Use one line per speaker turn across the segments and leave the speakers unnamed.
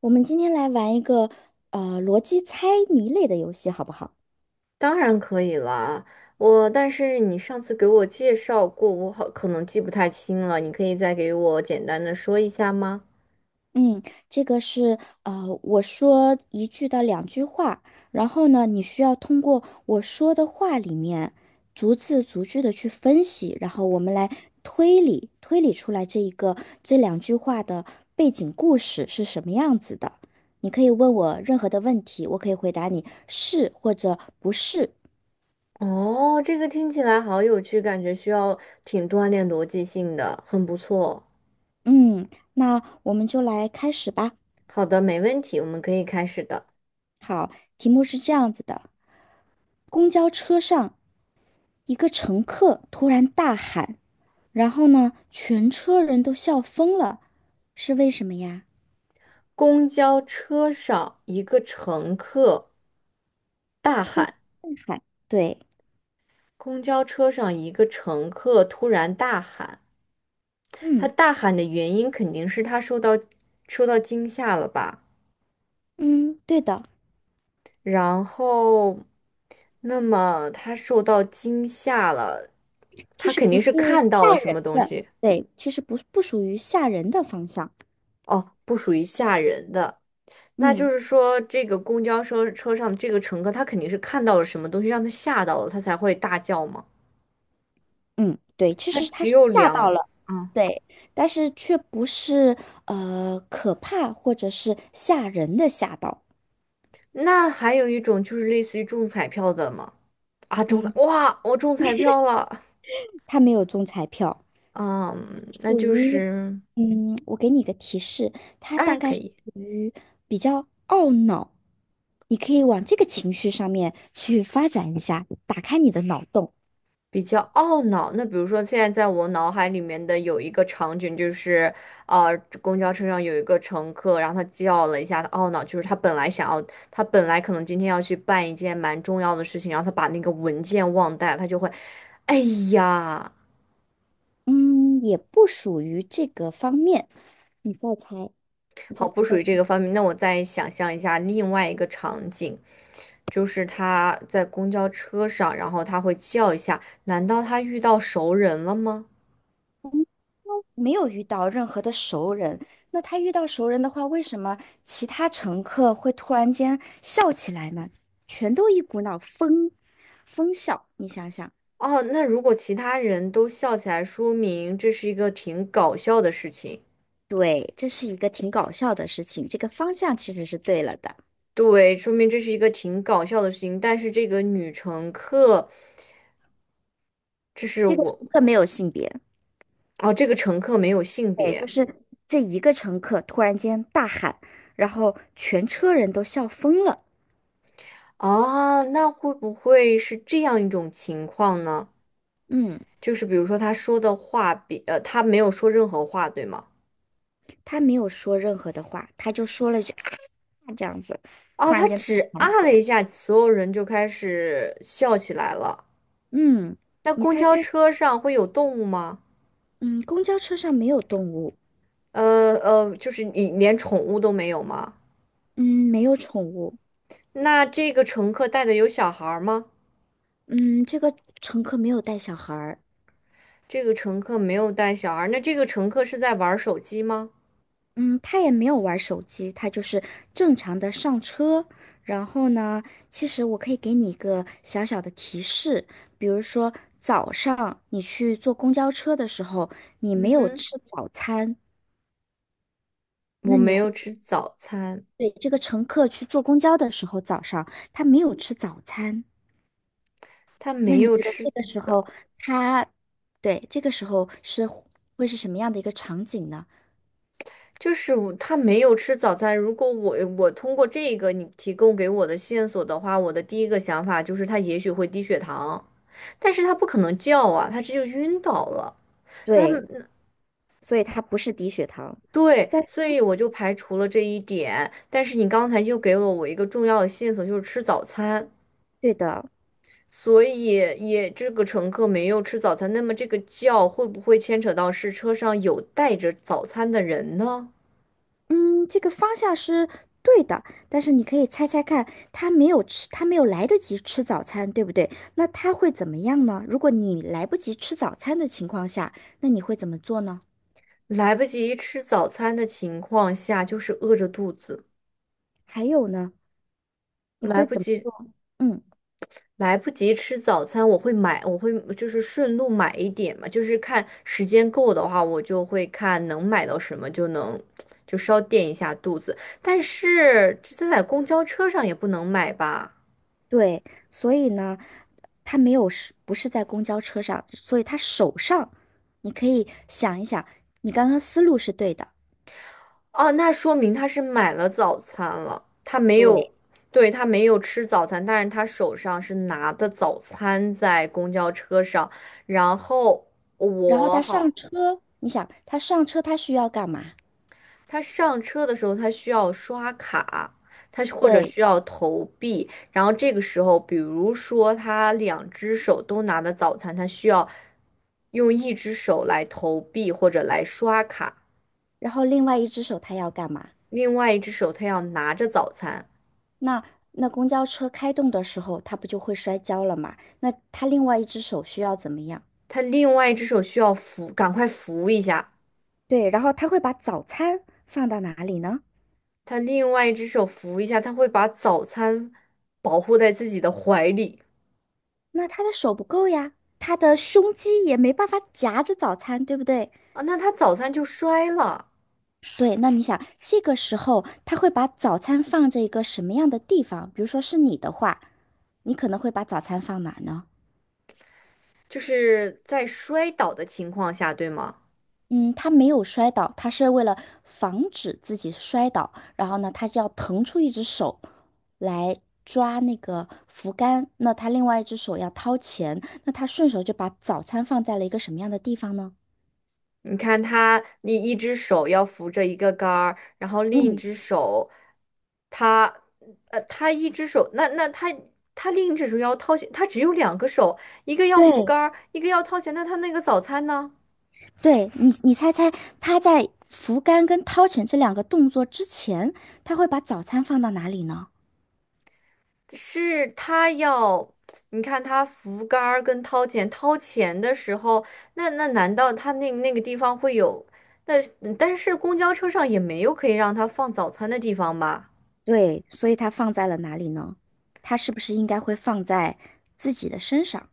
我们今天来玩一个逻辑猜谜类的游戏，好不好？
当然可以啦，但是你上次给我介绍过，我可能记不太清了，你可以再给我简单的说一下吗？
嗯，这个是我说一句到两句话，然后呢，你需要通过我说的话里面逐字逐句的去分析，然后我们来推理推理出来这一个这两句话的背景故事是什么样子的。你可以问我任何的问题，我可以回答你是或者不是。
哦，这个听起来好有趣，感觉需要挺锻炼逻辑性的，很不错。
嗯，那我们就来开始吧。
好的，没问题，我们可以开始的。
好，题目是这样子的：公交车上，一个乘客突然大喊，然后呢，全车人都笑疯了，是为什么呀？
公交车上，一个乘客大
突然
喊，
大喊，对，
公交车上一个乘客突然大喊，他
嗯
大喊的原因肯定是他受到惊吓了吧？
嗯，对的，
然后，那么他受到惊吓了，
其
他
实
肯
不
定
是
是看到了什么东
的，
西。
对，其实不属于吓人的方向，
哦，不属于吓人的。那就
嗯
是说，这个公交车上这个乘客，他肯定是看到了什么东西，让他吓到了，他才会大叫嘛。
嗯，对，其
他
实他
只
是
有
吓到
两，
了，
嗯，
对，但是却不是可怕或者是吓人的吓到，
那还有一种就是类似于中彩票的嘛，啊，
嗯，
哇，我中彩票了。
他没有中彩票。
嗯，那
属
就
于，
是
嗯，我给你一个提示，他
当
大
然
概
可
是
以。
属于比较懊恼，你可以往这个情绪上面去发展一下，打开你的脑洞。
比较懊恼，那比如说现在在我脑海里面的有一个场景，就是公交车上有一个乘客，然后他叫了一下，他懊恼，他本来可能今天要去办一件蛮重要的事情，然后他把那个文件忘带了他就会，哎呀。
嗯，也不属于这个方面，你再猜，你再
好，不
猜猜，
属于这个方面。那我再想象一下另外一个场景，就是他在公交车上，然后他会叫一下，难道他遇到熟人了吗？
没有遇到任何的熟人，那他遇到熟人的话，为什么其他乘客会突然间笑起来呢？全都一股脑疯笑，你想想。
哦，那如果其他人都笑起来，说明这是一个挺搞笑的事情。
对，这是一个挺搞笑的事情，这个方向其实是对了的。
对，说明这是一个挺搞笑的事情。但是这个女乘客，这是
这个乘
我，
客没有性别，
哦，这个乘客没有性
对，就
别
是这一个乘客突然间大喊，然后全车人都笑疯了。
啊，那会不会是这样一种情况呢？
嗯，
就是比如说他没有说任何话，对吗？
他没有说任何的话，他就说了一句啊这样子，突
啊，他
然间
只
喊
啊
起
了一
来
下，所有人就开始笑起来了。
嗯，
那
你
公
猜猜，
交车上会有动物吗？
嗯，公交车上没有动物，
就是你连宠物都没有吗？
嗯，没有宠物，
那这个乘客带的有小孩儿吗？
嗯，这个乘客没有带小孩儿，
这个乘客没有带小孩儿，那这个乘客是在玩手机吗？
嗯，他也没有玩手机，他就是正常的上车。然后呢，其实我可以给你一个小小的提示，比如说早上你去坐公交车的时候，你
嗯
没有
哼，
吃早餐，
我
那你
没
会
有吃早餐，
对这个乘客去坐公交的时候，早上他没有吃早餐，
他
那
没
你
有
觉得
吃
这个时
早，
候他，对，这个时候是会是什么样的一个场景呢？
他没有吃早餐。如果我通过这个你提供给我的线索的话，我的第一个想法就是他也许会低血糖，但是他不可能叫啊，他这就晕倒了。那。
对，所以他不是低血糖，
对，
但
所以我就排除了这一点。但是你刚才又给了我一个重要的线索，就是吃早餐。
对的。
所以也这个乘客没有吃早餐，那么这个叫会不会牵扯到是车上有带着早餐的人呢？
嗯，这个方向是对的，但是你可以猜猜看，他没有吃，他没有来得及吃早餐，对不对？那他会怎么样呢？如果你来不及吃早餐的情况下，那你会怎么做呢？
来不及吃早餐的情况下，就是饿着肚子，
还有呢，你
来
会
不
怎么
及
做？嗯，
来不及吃早餐，我会买，我会就是顺路买一点嘛，就是看时间够的话，我就会看能买到什么就能就稍垫一下肚子。但是这在公交车上也不能买吧？
对，所以呢，他没有是不是在公交车上，所以他手上，你可以想一想，你刚刚思路是对的，
哦，那说明他是买了早餐了，他没有，
对。
对，他没有吃早餐，但是他手上是拿的早餐在公交车上，然后
然后
我
他
好，
上车，你想他上车他需要干嘛？
他上车的时候，他需要刷卡，他或者
对。
需要投币。然后这个时候，比如说他两只手都拿的早餐，他需要用一只手来投币或者来刷卡，
然后另外一只手他要干嘛？
另外一只手他要拿着早餐，
那那公交车开动的时候，他不就会摔跤了吗？那他另外一只手需要怎么样？
他另外一只手需要扶，赶快扶一下，
对，然后他会把早餐放到哪里呢？
他另外一只手扶一下，他会把早餐保护在自己的怀里。
那他的手不够呀，他的胸肌也没办法夹着早餐，对不对？
啊，那他早餐就摔了，
对，那你想，这个时候他会把早餐放在一个什么样的地方？比如说是你的话，你可能会把早餐放哪儿呢？
就是在摔倒的情况下，对吗？
嗯，他没有摔倒，他是为了防止自己摔倒，然后呢，他就要腾出一只手来抓那个扶杆，那他另外一只手要掏钱，那他顺手就把早餐放在了一个什么样的地方呢？
你看他，你一只手要扶着一个杆儿，然后另一
嗯，
只手，他，他一只手，那那他他另一只手要掏钱，他只有两个手，一个要扶
对，
杆儿，一个要掏钱，那他那个早餐呢？
对你，你猜猜他在扶杆跟掏钱这两个动作之前，他会把早餐放到哪里呢？
是他要，你看他扶杆儿跟掏钱，掏钱的时候，那难道他那个地方会有？那但是公交车上也没有可以让他放早餐的地方吧？
对，所以他放在了哪里呢？他是不是应该会放在自己的身上？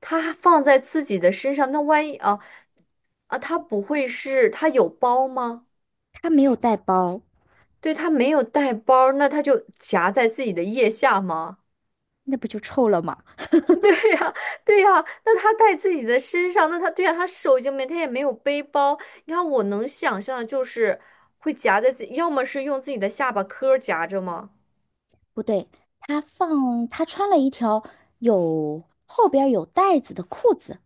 他放在自己的身上，那万一啊？啊，他不会是他有包吗？
他没有带包。
对，他没有带包，那他就夹在自己的腋下吗？
那不就臭了吗？
对呀，对呀，那他带自己的身上，那他对呀，他手已经没，他也没有背包。你看，我能想象的就是会夹在自己，要么是用自己的下巴颏儿夹着吗？
不对，他放他穿了一条有后边儿有袋子的裤子。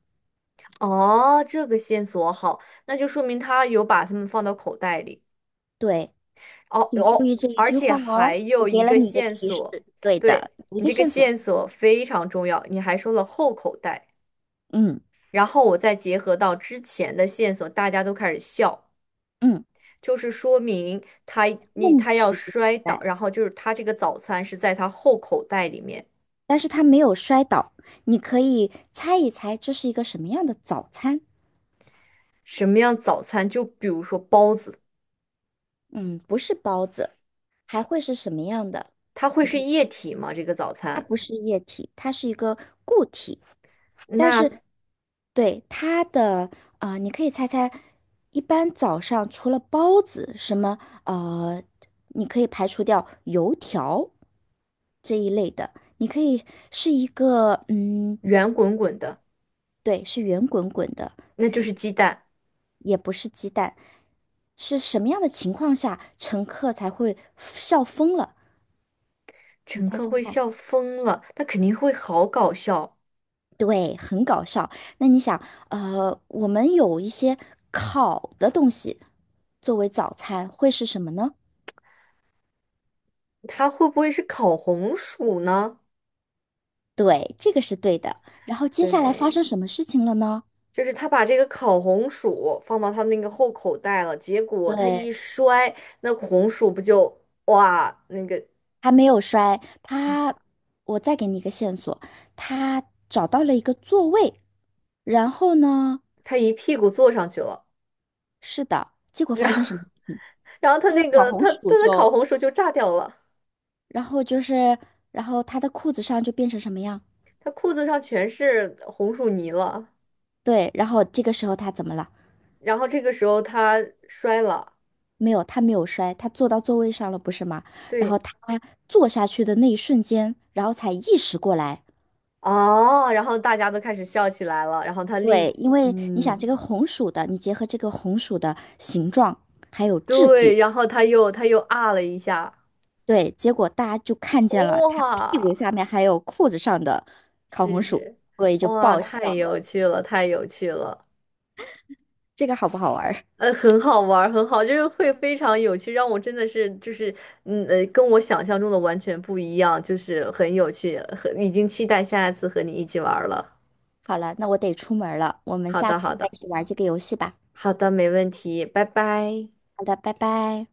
哦，这个线索好，那就说明他有把它们放到口袋里。
对，
哦
请注
哦，
意这一
而
句
且
话
还
哦，我
有
给
一
了
个
你一个
线
提示，
索，
对
对，
的，一
你
个
这个
线索。
线索非常重要，你还说了后口袋。
嗯
然后我再结合到之前的线索，大家都开始笑，
嗯，
就是说明他你
问
他要
题就
摔倒，
在，
然后就是他这个早餐是在他后口袋里面。
但是他没有摔倒，你可以猜一猜这是一个什么样的早餐？
什么样早餐？就比如说包子。
嗯，不是包子，还会是什么样的？
它会
你
是
看，
液体吗？这个早
它
餐
不是液体，它是一个固体。但
那
是对它的啊、你可以猜猜，一般早上除了包子，什么呃，你可以排除掉油条这一类的，你可以是一个嗯，
圆滚滚的，
对，是圆滚滚的，
那就是鸡蛋。
也不是鸡蛋，是什么样的情况下乘客才会笑疯了？你
乘
猜
客
猜
会
看。
笑疯了，那肯定会好搞笑。
对，很搞笑。那你想，我们有一些烤的东西作为早餐，会是什么呢？
它会不会是烤红薯呢？
对，这个是对的。然后接下来发
对，
生什么事情了呢？
就是他把这个烤红薯放到他那个后口袋了，结果他
对，
一摔。那红薯不就哇！
他没有摔，他，我再给你一个线索，他找到了一个座位。然后呢，
他一屁股坐上去了。
是的，结果发
然后
生什么事情？
然后他
这个
那
烤
个
红
他他
薯
的烤
就，
红薯就炸掉了，
然后就是，然后他的裤子上就变成什么样？
他裤子上全是红薯泥了，
对，然后这个时候他怎么了？
然后这个时候他摔了。
没有，他没有摔，他坐到座位上了，不是吗？然
对，
后他坐下去的那一瞬间，然后才意识过来。
哦，然后大家都开始笑起来了，然后他立，
对，因为你想
嗯，
这个红薯的，你结合这个红薯的形状还有质地，
对，然后他又啊了一下。
对，结果大家就看见了他屁股
哇。
下面还有裤子上的烤红
是
薯，
是，
所以就
哇，
爆笑。
太有趣了，太有趣了，
这个好不好玩儿
很好玩儿，很好，就是会非常有趣，让我真的是就是，跟我想象中的完全不一样，就是很有趣，很已经期待下一次和你一起玩儿了。
好了，那我得出门了，我们
好
下
的，好
次再
的，
一起玩这个游戏吧。
好的，没问题，拜拜。
好的，拜拜。